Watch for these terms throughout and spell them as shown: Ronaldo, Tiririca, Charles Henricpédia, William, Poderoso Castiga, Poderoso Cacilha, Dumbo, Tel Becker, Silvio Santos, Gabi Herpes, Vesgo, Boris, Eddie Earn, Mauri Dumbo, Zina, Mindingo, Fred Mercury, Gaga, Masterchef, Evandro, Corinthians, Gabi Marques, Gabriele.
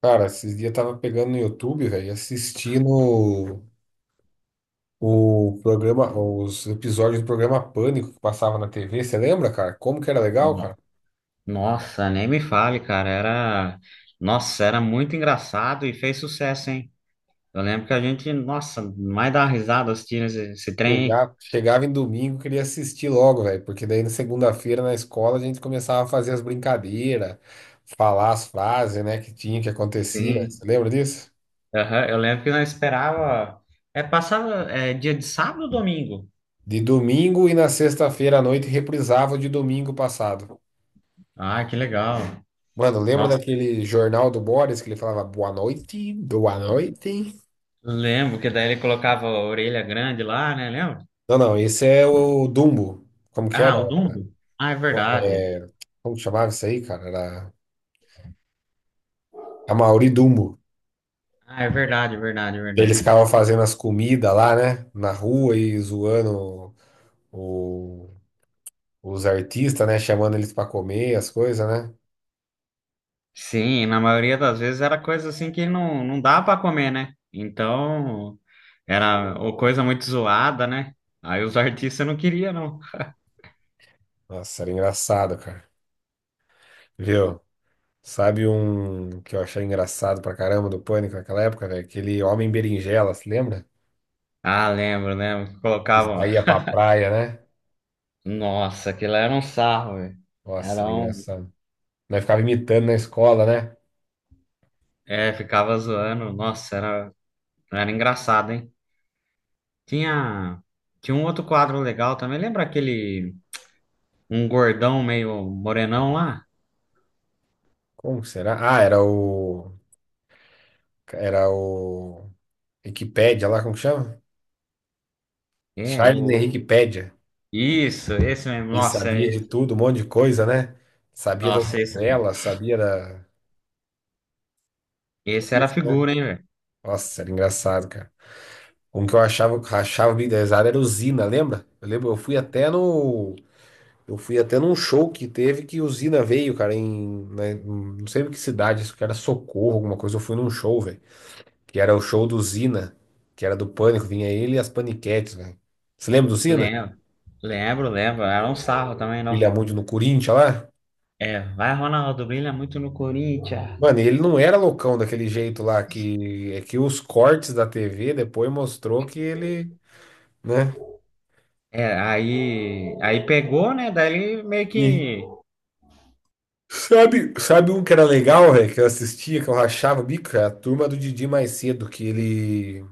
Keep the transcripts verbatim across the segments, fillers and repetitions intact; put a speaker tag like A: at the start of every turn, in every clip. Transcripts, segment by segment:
A: Cara, esses dias eu tava pegando no YouTube, velho, assistindo o programa, os episódios do programa Pânico que passava na T V. Você lembra, cara? Como que era legal, cara?
B: No- Nossa, nem me fale, cara. Era, nossa, era muito engraçado e fez sucesso, hein? Eu lembro que a gente, nossa, mais dá risada assistindo esse, esse trem.
A: Chegava, chegava em domingo, queria assistir logo, velho, porque daí na segunda-feira na escola a gente começava a fazer as brincadeiras, falar as frases, né, que tinha, que acontecia. Você
B: Sim.
A: lembra disso?
B: Aham, eu lembro que nós esperava, é, passava, é, dia de sábado ou domingo?
A: De domingo, e na sexta-feira à noite reprisava o de domingo passado.
B: Ah, que legal.
A: Mano, lembra
B: Nossa,
A: daquele jornal do Boris que ele falava boa noite, boa noite?
B: lembro que daí ele colocava a orelha grande lá, né? Lembra?
A: Não, não, esse é o Dumbo. Como que era?
B: Ah, o Dumbo. Ah, é verdade.
A: Como que chamava isso aí, cara? Era a Mauri Dumbo.
B: Ah, é verdade, é verdade, é
A: Eles
B: verdade.
A: ficavam fazendo as comidas lá, né? Na rua e zoando o- os artistas, né? Chamando eles pra comer as coisas, né?
B: Sim, na maioria das vezes era coisa assim que não, não dá para comer, né? Então, era ou coisa muito zoada, né? Aí os artistas não queriam, não.
A: Nossa, era engraçado, cara. Viu? Sabe um que eu achei engraçado pra caramba do Pânico naquela época, velho? Aquele homem berinjela, se lembra?
B: Ah, lembro, lembro. Que
A: Que
B: colocavam.
A: saía pra praia, né?
B: Nossa, aquilo era um sarro, velho.
A: Nossa,
B: Era
A: era
B: um.
A: engraçado. Nós ficava imitando na escola, né?
B: É, ficava zoando. Nossa, era, era engraçado, hein? Tinha. Tinha um outro quadro legal também. Lembra aquele. Um gordão meio morenão lá?
A: Como que será? Ah, era o. Era o Wikipédia lá, como que chama?
B: É,
A: Charles
B: o.
A: Henricpédia.
B: Isso, esse mesmo.
A: Ele
B: Nossa, é-
A: sabia de tudo, um monte de coisa, né? Sabia das
B: nossa, esse,
A: novelas, sabia da. É
B: esse era a
A: isso, né?
B: figura, hein, velho?
A: Nossa, era engraçado, cara. Um que eu achava, achava bem desenhado era o Zina, lembra? Eu lembro, eu fui até no. Eu fui até num show que teve que o Zina veio, cara, em. Né, não sei em que cidade, isso que era Socorro, alguma coisa. Eu fui num show, velho. Que era o show do Zina, que era do Pânico, vinha ele e as Paniquetes, velho. Você lembra do Zina?
B: Lembro, lembro, lembro. Era um sarro também, não.
A: William no Corinthians lá.
B: É, vai, Ronaldo, brilha muito no Corinthians.
A: Mano, e ele não era loucão daquele jeito lá, que é que os cortes da T V depois mostrou que ele, né?
B: É, aí, aí pegou, né? Daí ele meio
A: E
B: que.
A: sabe, sabe um que era legal, velho, que eu assistia, que eu rachava o bico, cara? A turma do Didi mais cedo, que ele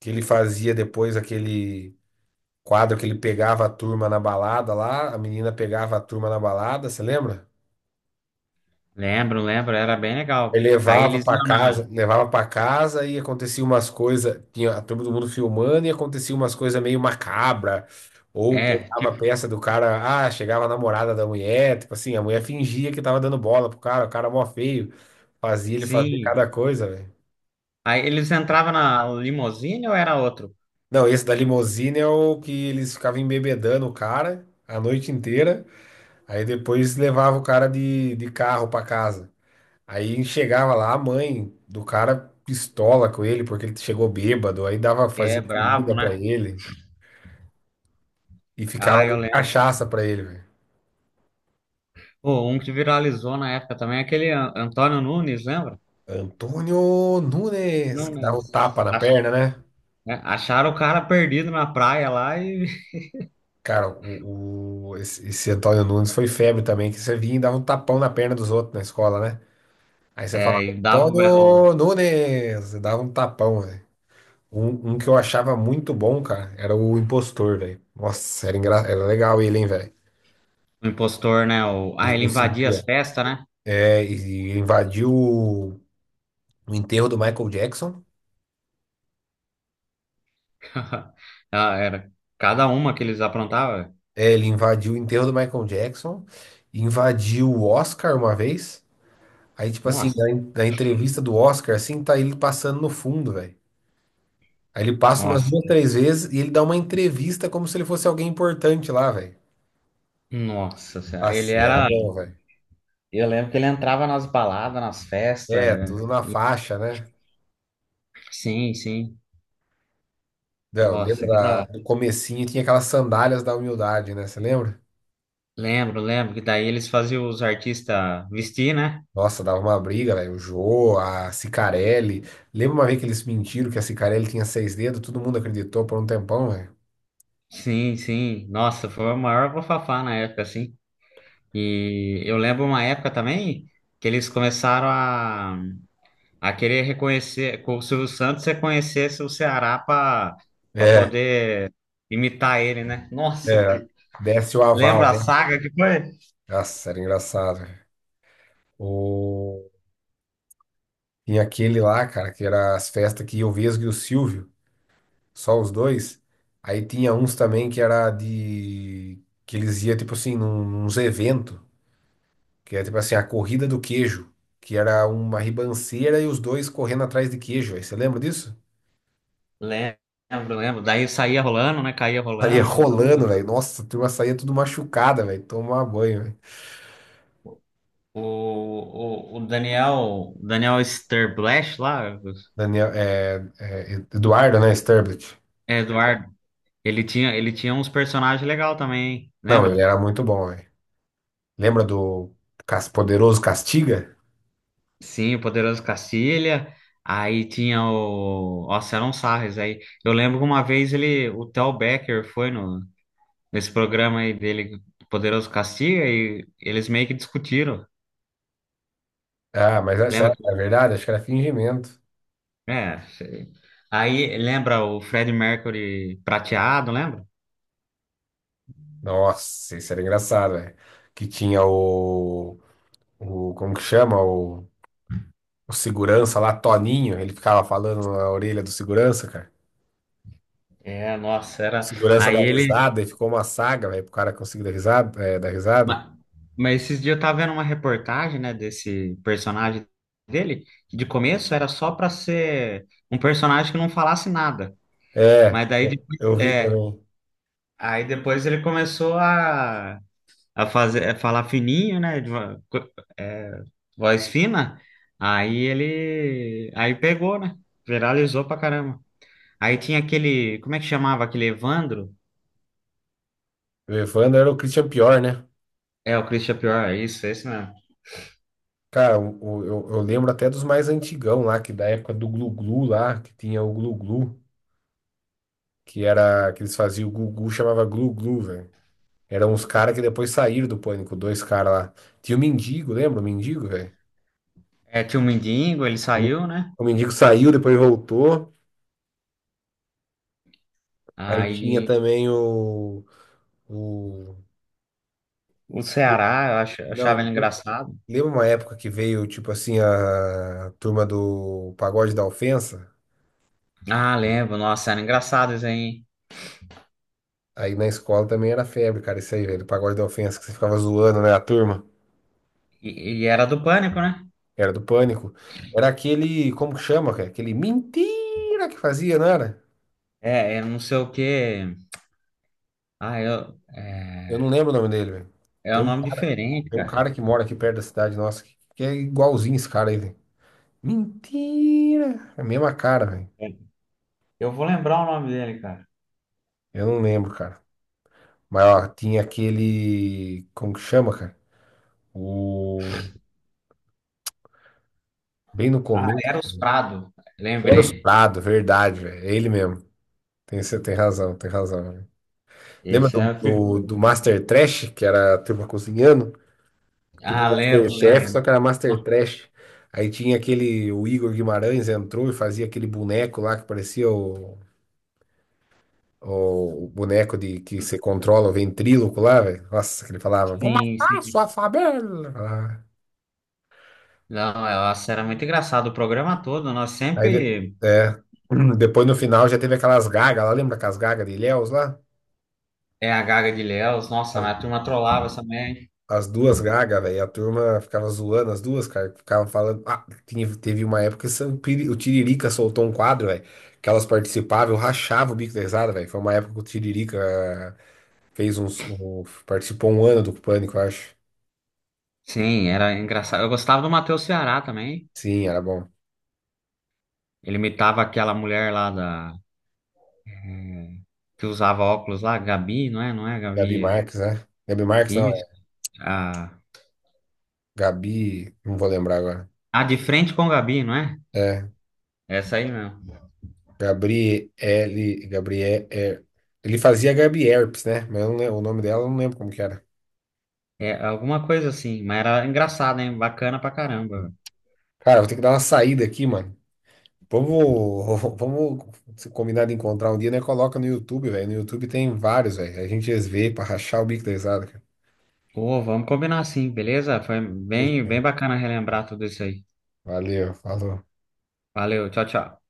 A: que ele fazia depois aquele quadro que ele pegava a turma na balada lá, a menina pegava a turma na balada, você lembra?
B: Lembro, lembro, era bem
A: Aí
B: legal. Aí
A: levava
B: eles
A: pra
B: iam
A: casa,
B: na.
A: levava para casa e acontecia umas coisas, tinha a turma do mundo filmando e acontecia umas coisas meio macabra. Ou
B: É,
A: pegava a
B: tipo,
A: peça do cara, ah, chegava a namorada da mulher, tipo assim, a mulher fingia que tava dando bola pro cara, o cara mó feio, fazia ele fazer
B: sim.
A: cada coisa, velho.
B: Aí eles entravam na limusine ou era outro?
A: Não, esse da limusine é o que eles ficavam embebedando o cara a noite inteira, aí depois levava o cara de, de carro pra casa. Aí chegava lá a mãe do cara pistola com ele porque ele chegou bêbado, aí dava
B: É,
A: fazia
B: bravo,
A: comida pra
B: né?
A: ele e ficava
B: Ah, eu
A: dando
B: lembro.
A: cachaça pra ele, velho.
B: Pô, um que viralizou na época também, aquele An- Antônio Nunes, lembra?
A: Antônio Nunes, que dava um
B: Nunes.
A: tapa na
B: Ach-
A: perna, né?
B: é, Acharam o cara perdido na praia lá e.
A: Cara, o, o- esse, esse Antônio Nunes foi febre também, que você vinha e dava um tapão na perna dos outros na escola, né? Aí você
B: É,
A: falava,
B: e dava o berrão.
A: Antônio Nunes, você dava um tapão, velho. Um, um que eu achava muito bom, cara, era o impostor, velho. Nossa, era, engra... era legal ele, hein, velho.
B: O impostor, né? O... Ah,
A: Ele
B: ele invadia as
A: conseguia.
B: festas, né?
A: É, e invadiu o o enterro do Michael Jackson.
B: Ah, era cada uma que eles aprontavam.
A: É, ele invadiu o enterro do Michael Jackson, invadiu o Oscar uma vez. Aí, tipo assim,
B: Nossa,
A: na, en- na entrevista do Oscar, assim, tá ele passando no fundo, velho. Aí ele passa umas
B: nossa,
A: duas, três vezes e ele dá uma entrevista como se ele fosse alguém importante lá, velho.
B: nossa senhora. Ele
A: Nossa, ele era
B: era.
A: bom, velho.
B: Eu lembro que ele entrava nas baladas, nas festas.
A: É,
B: é,
A: tudo na
B: e-
A: faixa, né?
B: Sim, sim.
A: Não,
B: Nossa, que da
A: lembra do
B: hora.
A: comecinho, tinha aquelas sandálias da humildade, né? Você lembra?
B: Lembro, lembro que daí eles faziam os artistas vestir, né?
A: Nossa, dava uma briga, velho. O Jô, a Cicarelli. Lembra uma vez que eles mentiram que a Cicarelli tinha seis dedos? Todo mundo acreditou por um tempão, velho.
B: Sim, sim. Nossa, foi o maior bafafá na época, assim. E eu lembro uma época também que eles começaram a a querer reconhecer, com o Silvio Santos reconhecesse o Ceará para para
A: É,
B: poder imitar ele, né? Nossa,
A: é.
B: que
A: Desce o
B: lembra
A: aval,
B: a
A: né?
B: saga que foi?
A: Nossa, era engraçado, velho. O... Tinha aquele lá, cara, que era as festas que ia o Vesgo e o Silvio, só os dois. Aí tinha uns também que era de. Que eles iam, tipo assim, num, uns eventos, que era tipo assim, a corrida do queijo, que era uma ribanceira e os dois correndo atrás de queijo, velho. Você lembra disso?
B: Lembro, lembro. Daí saía rolando, né? Caía
A: Saía
B: rolando todo
A: rolando,
B: mundo.
A: velho. Nossa, a turma saía tudo machucada, velho. Tomar banho, velho.
B: O, o, o Daniel, Daniel Sterblash lá,
A: Daniel, é, é, Eduardo, né? Sturbridge.
B: é, Eduardo, ele tinha, ele tinha uns personagens legais também, hein?
A: Não, ele
B: Lembra?
A: era muito bom, velho. Lembra do Cas- Poderoso Castiga?
B: Sim, o Poderoso Cacilha. Aí tinha o. Nossa, eram sarres aí. Eu lembro que uma vez ele, o Tel Becker foi no, nesse programa aí dele, Poderoso Castiga, e eles meio que discutiram.
A: Ah, mas essa
B: Lembra que.
A: é verdade, acho que era fingimento.
B: É, sei. Aí lembra o Fred Mercury prateado, lembra?
A: Nossa, isso era engraçado, velho. Que tinha o, o. Como que chama? O, o segurança lá, Toninho. Ele ficava falando na orelha do segurança, cara.
B: É, nossa,
A: O
B: era.
A: segurança
B: Aí
A: dá
B: ele.
A: risada e ficou uma saga, velho, pro cara conseguir dar risada, é, dar risada.
B: ma- Mas esses dias eu tava vendo uma reportagem, né, desse personagem dele, que de começo era só pra ser um personagem que não falasse nada.
A: É,
B: Mas daí depois,
A: eu vi
B: é,
A: também.
B: aí depois ele começou a a fazer, a falar fininho, né? de vo- co- é, Voz fina. Aí ele, aí pegou, né? Viralizou pra caramba. Aí tinha aquele, como é que chamava aquele Evandro?
A: O Evandro era o Christian Pior, né?
B: É, o Christian Pior, é isso, é isso mesmo.
A: Cara, o, o- eu, eu lembro até dos mais antigão lá, que da época do Glu Glu lá, que tinha o Glu Glu, que era, que eles faziam o Gugu, chamava Glu Glu, velho. Eram uns caras que depois saíram do Pânico, dois caras lá. Tinha o Mendigo, lembra o Mendigo, velho?
B: É, tinha o Mindingo, ele
A: O Men-
B: saiu, né?
A: o Mendigo saiu, depois voltou. Aí tinha
B: Aí
A: também o, o...
B: o Ceará, eu ach- eu
A: Não,
B: achava ele
A: le-
B: engraçado.
A: lembra uma época que veio, tipo assim, a turma do Pagode da Ofensa?
B: Ah, lembro, nossa, era engraçado isso aí, hein?
A: Aí na escola também era febre, cara, isso aí, velho. Pagode da Ofensa, que você ficava zoando, né? A turma
B: E, e era do Pânico, né?
A: era do Pânico. Era aquele, como que chama, cara? Aquele mentira que fazia, não era?
B: É, eu não sei o quê. Ah, eu,
A: Eu
B: é,
A: não lembro o nome dele, velho.
B: É
A: Tem
B: um
A: um
B: nome
A: cara,
B: diferente,
A: tem um
B: cara.
A: cara que mora aqui perto da cidade nossa que, que é igualzinho esse cara aí, velho. Mentira! É a mesma cara, velho.
B: Eu vou lembrar o nome dele, cara.
A: Eu não lembro, cara. Mas, ó, tinha aquele, como que chama, cara? O. Bem no
B: Ah,
A: começo.
B: Eros Prado,
A: Era o
B: lembrei.
A: Prado, verdade, velho. É ele mesmo. Tem, você tem razão, tem razão. Lembra
B: Esse é
A: do,
B: a
A: do,
B: figura.
A: do Master Trash, que era a turma cozinhando? Tipo
B: Ah, lembro,
A: Masterchef, só
B: lembro.
A: que era Master Trash. Aí tinha aquele, o Igor Guimarães entrou e fazia aquele boneco lá que parecia o, o boneco de que você controla o ventríloco lá, velho. Nossa, que ele falava, vou
B: Sim,
A: matar a sua
B: sim.
A: favela. Ah,
B: Não, é, nossa, era muito engraçado o programa todo. Nós
A: Aí, de-
B: sempre
A: é, depois no final já teve aquelas gagas lá, lembra aquelas gagas de Ilhéus lá?
B: é a Gaga de Léus. Nossa, mas a turma trollava também.
A: As duas Gaga, velho, a turma ficava zoando as duas, cara, ficavam falando, ah, tinha- teve uma época que Sam Piri- o Tiririca soltou um quadro, velho, que elas participavam, eu rachava o bico da risada, velho, foi uma época que o Tiririca fez uns, um- participou um ano do Pânico, eu acho,
B: Sim, era engraçado. Eu gostava do Matheus Ceará também.
A: sim, era bom,
B: Ele imitava aquela mulher lá da que usava óculos lá, Gabi, não é? Não é,
A: Gabi
B: Gabi?
A: Marques, né, Gabi Marques
B: É
A: não,
B: isso.
A: é
B: A,
A: Gabi, não vou lembrar agora,
B: a de frente com Gabi, não é?
A: é,
B: Essa aí mesmo.
A: Gabriele, Gabriel, é, ele fazia Gabi Herpes, né, mas eu não lem- o nome dela eu não lembro como que era.
B: É alguma coisa assim, mas era engraçado, hein? Bacana pra caramba.
A: Cara, vou ter que dar uma saída aqui, mano. Vamos, vamos se combinar de encontrar um dia, né? Coloca no YouTube, velho. No YouTube tem vários, velho. A gente vê pra rachar o bico da risada, cara.
B: Pô, vamos combinar sim, beleza? Foi bem,
A: Fechou.
B: bem bacana relembrar tudo isso aí.
A: Valeu, falou.
B: Valeu, tchau, tchau.